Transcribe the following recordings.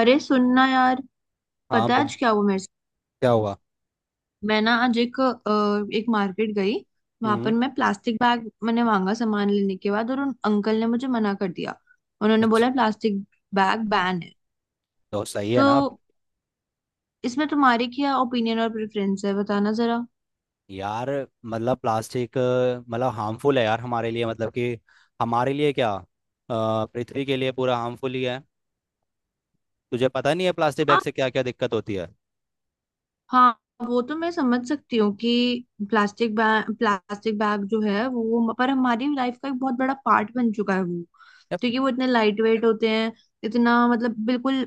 अरे सुनना यार। हाँ, पता है बहुत। आज क्या हुआ मेरे साथ। क्या हुआ। मैं ना आज एक मार्केट गई। वहां हम्म। पर मैं प्लास्टिक बैग मैंने मांगा सामान लेने के बाद और उन अंकल ने मुझे मना कर दिया। उन्होंने अच्छा। बोला प्लास्टिक बैग बैन है। तो सही है तो ना। इसमें तुम्हारी क्या ओपिनियन और प्रेफरेंस है बताना जरा। यार मतलब प्लास्टिक हार्मफुल है यार हमारे लिए मतलब कि, हमारे लिए क्या पृथ्वी के लिए पूरा हार्मफुल ही है। तुझे पता नहीं है प्लास्टिक बैग हाँ, से क्या क्या दिक्कत होती है। हाँ, वो तो मैं समझ सकती हूँ कि प्लास्टिक बैग जो है वो पर हमारी लाइफ का एक बहुत बड़ा पार्ट बन चुका है वो। यार, क्योंकि वो इतने लाइट वेट होते हैं। इतना मतलब बिल्कुल,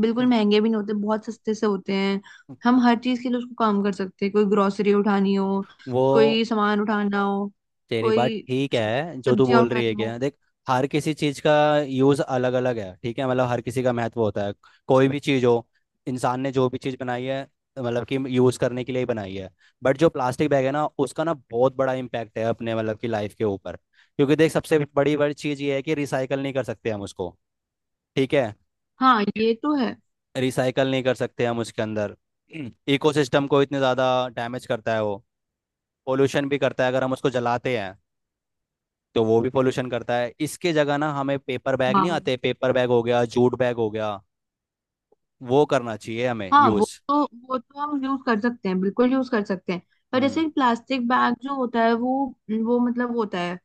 बिल्कुल महंगे भी नहीं होते, बहुत सस्ते से होते हैं। हम हर चीज के लिए उसको काम कर सकते हैं। कोई ग्रोसरी उठानी हो, वो कोई सामान उठाना हो, तेरी बात कोई ठीक है जो तू सब्जियां बोल रही है, उठानी हो। क्या, देख। हर किसी चीज का यूज अलग अलग है, ठीक है। मतलब हर किसी का महत्व होता है। कोई भी चीज हो, इंसान ने जो भी चीज बनाई है मतलब कि यूज करने के लिए ही बनाई है। बट जो प्लास्टिक बैग है ना, उसका ना बहुत बड़ा इम्पैक्ट है अपने मतलब की लाइफ के ऊपर। क्योंकि देख, सबसे बड़ी बड़ी चीज ये है कि रिसाइकल नहीं कर सकते हम उसको, ठीक है। हाँ ये तो है। रिसाइकल नहीं कर सकते हम उसके अंदर। इकोसिस्टम को इतने ज्यादा डैमेज करता है वो। पोल्यूशन भी करता है अगर हम उसको जलाते हैं तो वो भी पोल्यूशन करता है। इसके जगह ना, हमें पेपर बैग नहीं हाँ, आते पेपर बैग हो गया, जूट बैग हो गया, वो करना चाहिए हमें हाँ, वो यूज। तो वो तो हम यूज कर सकते हैं, बिल्कुल यूज कर सकते हैं। पर हम्म। जैसे प्लास्टिक बैग जो होता है वो होता है,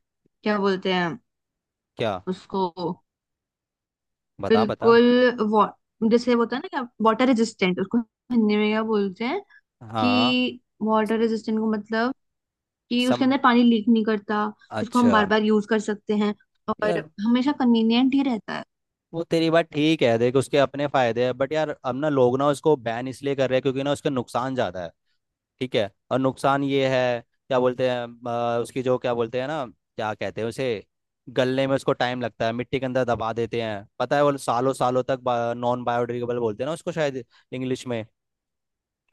क्या बोलते हैं क्या। उसको, बता बता। बिल्कुल वा, जैसे वो होता है ना क्या वाटर रेजिस्टेंट, उसको हिंदी में क्या बोलते हैं हाँ। कि वाटर रेजिस्टेंट को मतलब कि सम। उसके अंदर पानी लीक नहीं करता। उसको हम अच्छा। बार बार यूज कर सकते हैं और यार हमेशा कन्वीनियंट ही रहता है। वो तेरी बात ठीक है देख, उसके अपने फायदे हैं। बट यार अब ना लोग ना उसको बैन इसलिए कर रहे हैं क्योंकि ना उसका नुकसान ज्यादा है, ठीक है। और नुकसान ये है, क्या बोलते हैं, उसकी जो क्या बोलते हैं ना, क्या कहते हैं उसे, गलने में उसको टाइम लगता है। मिट्टी के अंदर दबा देते हैं, पता है वो सालों सालों तक। नॉन बायोडिग्रेडेबल बोलते हैं ना उसको शायद, इंग्लिश में।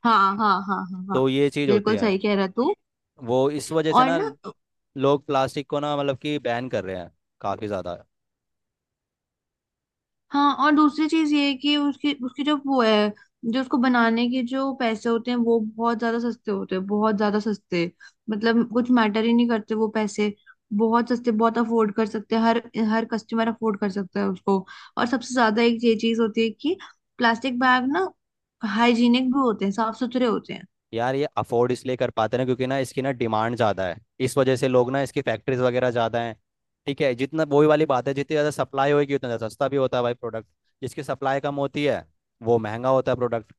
हाँ, हाँ, हाँ, हाँ, हाँ, तो ये चीज़ होती बिल्कुल है। सही कह रहा तू। वो इस वजह से और ना ना लोग प्लास्टिक को ना मतलब कि बैन कर रहे हैं काफ़ी ज़्यादा। हाँ, और दूसरी चीज ये है कि उसकी उसकी जो वो है, जो उसको बनाने के जो पैसे होते हैं वो बहुत ज्यादा सस्ते होते हैं, बहुत ज्यादा सस्ते। मतलब कुछ मैटर ही नहीं करते वो पैसे। बहुत सस्ते, बहुत अफोर्ड कर सकते हैं, हर हर कस्टमर अफोर्ड कर सकता है उसको। और सबसे ज्यादा एक ये चीज होती है कि प्लास्टिक बैग ना हाइजीनिक भी होते हैं, साफ सुथरे होते हैं। यार ये अफोर्ड इसलिए कर पाते ना क्योंकि ना इसकी ना डिमांड ज़्यादा है, इस वजह से। लोग ना इसकी फैक्ट्रीज वगैरह ज़्यादा हैं, ठीक है। जितना वही वाली बात है, जितनी ज़्यादा सप्लाई होगी उतना ज़्यादा सस्ता भी होता है भाई प्रोडक्ट। जिसकी सप्लाई कम होती है वो महंगा होता है प्रोडक्ट।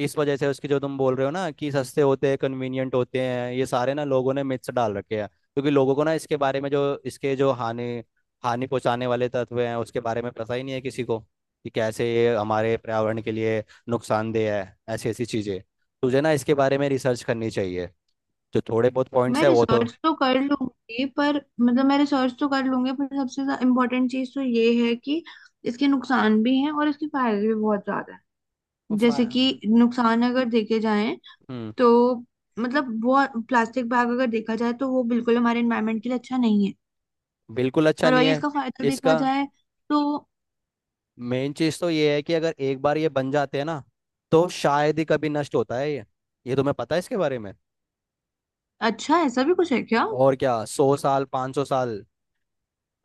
इस वजह से उसके जो तुम बोल रहे हो ना कि सस्ते होते हैं कन्वीनियंट होते हैं, ये सारे ना लोगों ने मिथ्स डाल रखे हैं। क्योंकि लोगों को ना इसके बारे में जो इसके जो हानि हानि पहुंचाने वाले तत्व हैं उसके बारे में पता ही नहीं है किसी को, कि कैसे ये हमारे पर्यावरण के लिए नुकसानदेह है, ऐसी ऐसी चीज़ें। तुझे ना इसके बारे में रिसर्च करनी चाहिए, जो थोड़े बहुत पॉइंट्स है वो तो। मैं रिसर्च तो कर लूंगी पर सबसे इम्पोर्टेंट चीज तो ये है कि इसके नुकसान भी हैं और इसके फायदे भी बहुत ज्यादा वो हैं। जैसे फा- कि नुकसान अगर देखे जाएं हम्म। तो मतलब वो, प्लास्टिक बैग अगर देखा जाए तो वो बिल्कुल हमारे एनवायरनमेंट के लिए अच्छा नहीं है। बिल्कुल अच्छा पर नहीं वही है इसका फायदा देखा इसका। जाए तो। मेन चीज़ तो ये है कि अगर एक बार ये बन जाते हैं ना तो शायद ही कभी नष्ट होता है ये। ये तुम्हें पता है इसके बारे में। अच्छा ऐसा भी कुछ है क्या? और क्या, 100 साल, 500 साल,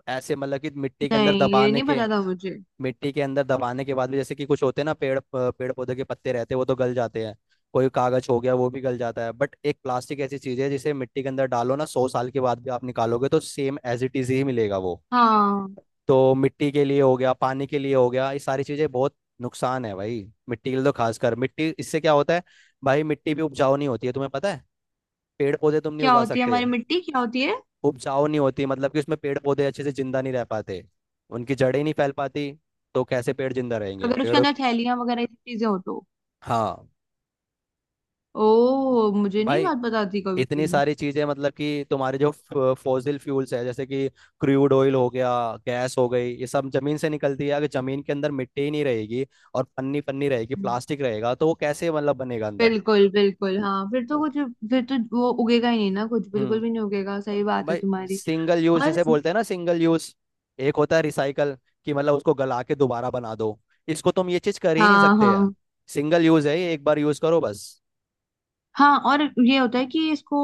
ऐसे मतलब कि मिट्टी के अंदर नहीं, ये दबाने नहीं के। पता था मुझे। मिट्टी के अंदर दबाने के बाद भी जैसे कि कुछ होते हैं ना पेड़ पेड़ पौधे के पत्ते रहते हैं, वो तो गल जाते हैं। कोई कागज हो गया वो भी गल जाता है। बट एक प्लास्टिक ऐसी चीज है जिसे मिट्टी के अंदर डालो ना, 100 साल के बाद भी आप निकालोगे तो सेम एज इट इज ही मिलेगा वो। हाँ। तो मिट्टी के लिए हो गया, पानी के लिए हो गया, ये सारी चीजें बहुत नुकसान है भाई। मिट्टी के लिए तो खासकर, मिट्टी इससे क्या होता है भाई, मिट्टी भी उपजाऊ नहीं होती है, तुम्हें पता है। पेड़ पौधे तुम नहीं क्या उगा होती है सकते। हमारी मिट्टी, क्या होती है? उपजाऊ नहीं होती मतलब कि उसमें पेड़ पौधे अच्छे से जिंदा नहीं रह पाते, उनकी जड़ें नहीं फैल पाती, तो कैसे पेड़ जिंदा रहेंगे, अगर उसके पेड़ों। अंदर थैलियां वगैरह ये सब चीजें हो तो। हाँ। ओ मुझे नहीं भाई बात पता थी कभी इतनी भी। सारी चीजें मतलब कि तुम्हारे जो फॉसिल फ्यूल्स है, जैसे कि क्रूड ऑयल हो गया, गैस हो गई, ये सब जमीन से निकलती है। अगर जमीन के अंदर मिट्टी ही नहीं रहेगी और पन्नी पन्नी रहेगी, हम्म, प्लास्टिक रहेगा तो वो कैसे मतलब बनेगा अंदर। बिल्कुल बिल्कुल, हाँ, फिर तो वो उगेगा ही नहीं ना, कुछ बिल्कुल हम्म। भी नहीं उगेगा, सही बात है भाई तुम्हारी। सिंगल यूज और जैसे बोलते हैं ना, सिंगल यूज। एक होता है रिसाइकल, कि मतलब उसको गला के दोबारा बना दो, इसको तुम ये चीज कर ही नहीं हाँ, सकते हैं। हाँ, सिंगल यूज है ये, एक बार यूज करो बस। हाँ, और ये होता है कि इसको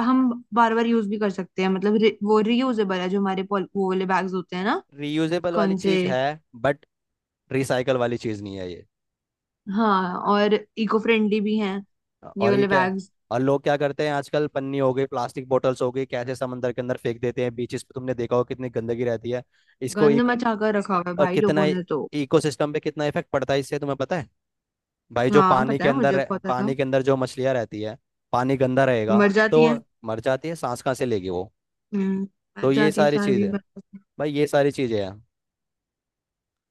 हम बार बार यूज भी कर सकते हैं, मतलब वो रियूजेबल है, जो हमारे वो वाले बैग्स होते हैं ना। रीयूजेबल वाली कौन से? चीज है बट रिसाइकल वाली चीज नहीं है ये। हाँ, और इको फ्रेंडली भी हैं ये और ये वाले क्या, बैग्स। और लोग क्या करते हैं आजकल, पन्नी हो गई, प्लास्टिक बोटल्स हो गई, कैसे समंदर के अंदर फेंक देते हैं, बीचेस पे तुमने देखा हो कितनी गंदगी रहती है। इसको गंद एक, मचा कर रखा हुआ है और भाई कितना, लोगों ने तो। इकोसिस्टम पे कितना इफेक्ट पड़ता है इससे, तुम्हें पता है। भाई जो हाँ पानी पता के है, अंदर मुझे पता था। पानी के अंदर जो मछलियाँ रहती है, पानी गंदा रहेगा मर तो जाती है। मर जाती है, सांस कहाँ से लेगी वो। हम्म। मर तो ये जाती है, सारी सारी चीज़ भी है मर जाती है। भाई, ये सारी चीज़ें हैं,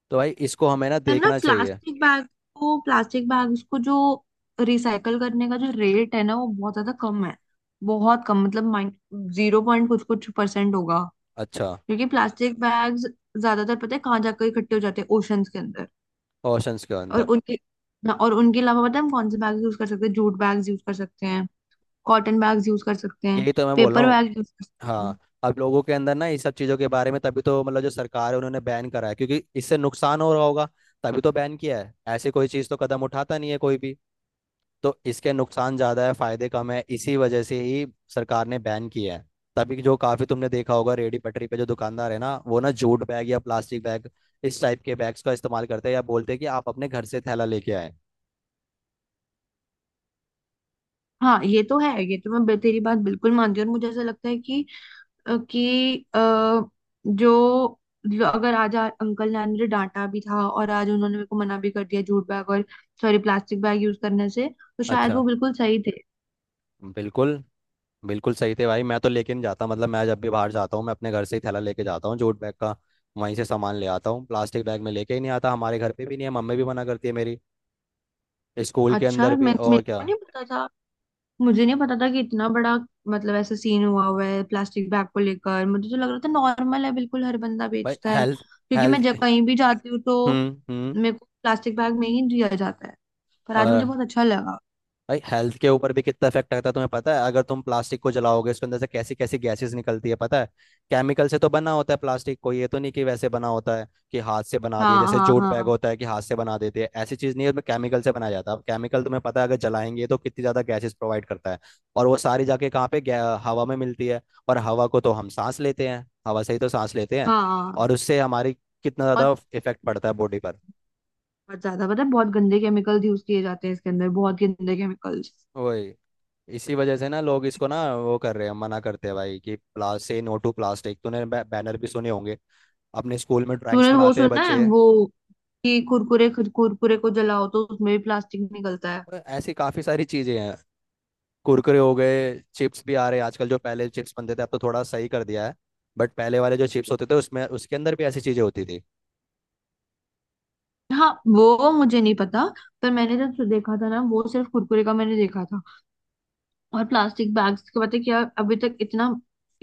तो भाई इसको हमें ना पर ना देखना चाहिए। प्लास्टिक बैग को, प्लास्टिक बैग्स को जो रिसाइकल करने का जो रेट है ना वो बहुत ज्यादा कम है। बहुत कम, मतलब माइन, जीरो पॉइंट कुछ कुछ परसेंट होगा। अच्छा। क्योंकि प्लास्टिक बैग्स ज्यादातर पता है कहाँ जाकर इकट्ठे हो जाते हैं, ओशंस के अंदर। ओशंस के और अंदर। उनके हाँ, और उनके अलावा पता है हम कौन से बैग यूज कर सकते हैं, जूट बैग्स यूज कर सकते हैं, कॉटन बैग्स यूज कर सकते हैं, यही तो मैं बोल रहा पेपर हूँ। बैग यूज कर सकते हैं। हाँ अब लोगों के अंदर ना इस सब चीज़ों के बारे में, तभी तो मतलब जो सरकार है उन्होंने बैन करा है क्योंकि इससे नुकसान हो रहा होगा, तभी तो बैन किया है। ऐसे कोई चीज़ तो कदम उठाता नहीं है कोई भी, तो इसके नुकसान ज्यादा है फायदे कम है इसी वजह से ही सरकार ने बैन किया है। तभी जो काफी तुमने देखा होगा रेडी पटरी पे जो दुकानदार है ना, वो ना जूट बैग या प्लास्टिक बैग, इस टाइप के बैग्स का इस्तेमाल करते हैं, या बोलते हैं कि आप अपने घर से थैला लेके आए। हाँ ये तो है, ये तो मैं तेरी बात बिल्कुल मानती हूँ, और मुझे ऐसा लगता है कि अ, कि अ, जो, जो अगर आज अंकल ने आज मुझे डांटा भी था और आज उन्होंने मेरे को मना भी कर दिया जूट बैग और सॉरी प्लास्टिक बैग यूज करने से, तो शायद अच्छा। वो बिल्कुल सही थे। बिल्कुल। बिल्कुल सही थे भाई। मैं तो लेकिन जाता, मतलब मैं जब भी बाहर जाता हूँ मैं अपने घर से ही थैला लेके जाता हूँ जूट बैग का। वहीं से सामान ले आता हूँ, प्लास्टिक बैग में लेके ही नहीं आता। हमारे घर पे भी नहीं है, मम्मी भी मना करती है मेरी, स्कूल के अच्छा, अंदर भी, मैं और मेरे क्या। को नहीं पता था, मुझे नहीं पता था कि इतना बड़ा, मतलब ऐसा सीन हुआ हुआ है प्लास्टिक बैग को लेकर। मुझे तो लग रहा था नॉर्मल है, बिल्कुल हर बंदा भाई बेचता है, हेल्थ, क्योंकि हेल्थ मैं जब के। कहीं भी जाती हूँ तो हम्म। हम्म। मेरे को प्लास्टिक बैग में ही दिया जाता है। पर आज मुझे और बहुत अच्छा लगा। भाई हेल्थ के ऊपर भी कितना इफेक्ट आता है तुम्हें पता है, अगर तुम प्लास्टिक को जलाओगे उसके अंदर से कैसी कैसी गैसेस निकलती है पता है। केमिकल से तो बना होता है प्लास्टिक, कोई ये तो नहीं कि वैसे बना होता है कि हाथ से बना दिया। हाँ, जैसे हाँ, जूट बैग हाँ, होता है कि हाथ से बना देते हैं, ऐसी चीज़ नहीं है उसमें, केमिकल से बनाया जाता है। अब केमिकल तुम्हें पता है अगर जलाएंगे तो कितनी ज़्यादा गैसेस प्रोवाइड करता है। और वो सारी जाके कहाँ पे हवा में मिलती है, और हवा को तो हम सांस लेते हैं, हवा से ही तो सांस लेते हैं, हाँ, हाँ। और उससे हमारी, कितना बहुत, ज़्यादा इफेक्ट पड़ता है बॉडी पर। बहुत ज्यादा पता है, बहुत गंदे केमिकल्स यूज किए जाते हैं इसके अंदर, बहुत गंदे केमिकल्स। वही, इसी वजह से ना लोग इसको ना वो कर रहे हैं, मना करते हैं भाई कि प्लास से नो टू प्लास्टिक, तूने बैनर भी सुने होंगे, अपने स्कूल में तूने ड्राइंग्स वो बनाते हैं सुना है बच्चे। वो कि कुरकुरे, कुरकुरे को जलाओ तो उसमें भी प्लास्टिक निकलता है। और ऐसी काफ़ी सारी चीज़ें हैं, कुरकुरे हो गए, चिप्स भी आ रहे हैं आजकल जो, पहले चिप्स बनते थे अब तो थोड़ा सही कर दिया है, बट पहले वाले जो चिप्स होते थे उसमें, उसके अंदर भी ऐसी चीज़ें होती थी। हाँ वो मुझे नहीं पता, पर मैंने जब देखा था ना, वो सिर्फ कुरकुरे का मैंने देखा था। और प्लास्टिक बैग्स का पता है क्या, अभी तक इतना,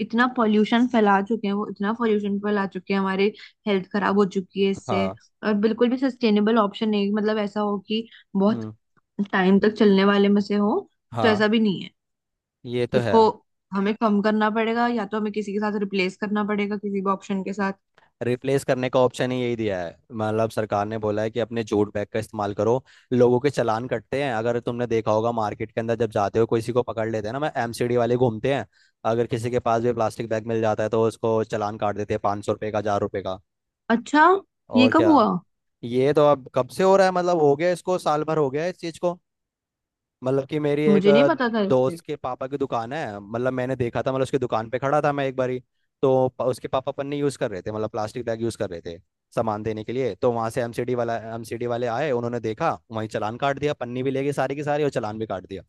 इतना पॉल्यूशन फैला चुके हैं वो, इतना पॉल्यूशन फैला चुके हैं, हमारे हेल्थ खराब हो चुकी है इससे। हाँ। और बिल्कुल भी सस्टेनेबल ऑप्शन नहीं, मतलब ऐसा हो कि बहुत हम्म। टाइम तक चलने वाले में से हो, तो हाँ ऐसा भी नहीं है। ये तो है। उसको हमें कम करना पड़ेगा, या तो हमें किसी के साथ रिप्लेस करना पड़ेगा, किसी भी ऑप्शन के साथ। रिप्लेस करने का ऑप्शन ही यही दिया है, मतलब सरकार ने बोला है कि अपने जूट बैग का इस्तेमाल करो। लोगों के चालान कटते हैं, अगर तुमने देखा होगा मार्केट के अंदर जब जाते हो किसी को पकड़ लेते हैं ना, मैं एमसीडी वाले घूमते हैं, अगर किसी के पास भी प्लास्टिक बैग मिल जाता है तो उसको चालान काट देते हैं 500 रुपये का, 1,000 रुपये का, अच्छा, ये और कब क्या। हुआ? ये तो अब कब से हो रहा है, मतलब हो गया इसको साल भर हो गया इस चीज को। मतलब कि मेरी एक मुझे नहीं पता था इससे। दोस्त के पापा की दुकान है, मतलब मैंने देखा था, मतलब उसकी दुकान पे खड़ा था मैं एक बारी, तो उसके पापा पन्नी यूज़ कर रहे थे, मतलब प्लास्टिक बैग यूज़ कर रहे थे सामान देने के लिए, तो वहाँ से एमसीडी वाला, एमसीडी वाले आए, उन्होंने देखा वहीं चालान काट दिया, पन्नी भी ले गए सारी की सारी और चालान भी काट दिया।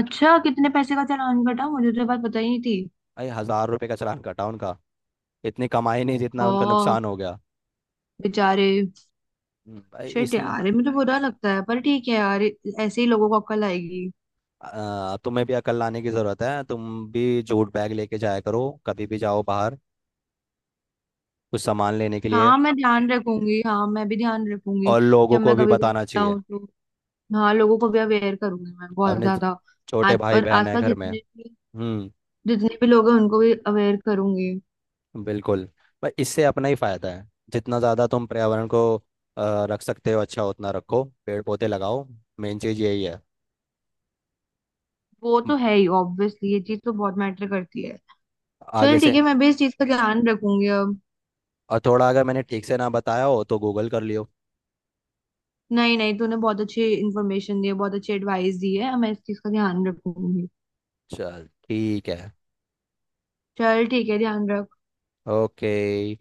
अच्छा, कितने पैसे का चालान कटा? मुझे तो ये बात पता ही नहीं थी। भाई 1,000 रुपए का चालान कटा उनका, इतनी कमाई नहीं जितना उनका हाँ, नुकसान हो गया। बेचारे। भाई शिट इसलिए यार, ये मुझे बुरा लगता है, पर ठीक है यार, ऐसे ही लोगों को अक्ल आएगी। तुम्हें भी अकल लाने की ज़रूरत है, तुम भी जूट बैग लेके जाया करो, कभी भी जाओ बाहर कुछ सामान लेने के लिए, हाँ मैं ध्यान रखूंगी, हाँ मैं भी ध्यान रखूंगी और लोगों जब को मैं भी कभी भी बताना चाहिए। जाऊँ तो। हाँ लोगों को भी अवेयर करूंगी मैं, बहुत अपने ज- ज्यादा छोटे आज, भाई और बहन है आसपास घर में। जितने भी हम्म। जितने भी लोग हैं उनको भी अवेयर करूंगी। बिल्कुल। भाई इससे अपना ही फायदा है, जितना ज़्यादा तुम पर्यावरण को रख सकते हो अच्छा उतना रखो, पेड़ पौधे लगाओ, मेन चीज़ यही है। वो तो म, है ही ऑब्वियसली, ये चीज तो बहुत मैटर करती है। आगे चल ठीक से। है, मैं भी इस चीज का ध्यान रखूंगी अब। और थोड़ा अगर मैंने ठीक से ना बताया हो तो गूगल कर लियो। नहीं नहीं, तूने बहुत अच्छी इन्फॉर्मेशन दी है, बहुत अच्छी एडवाइस दी है, अब मैं इस चीज का ध्यान रखूंगी। चल ठीक है। चल ठीक है, ध्यान रख। ओके।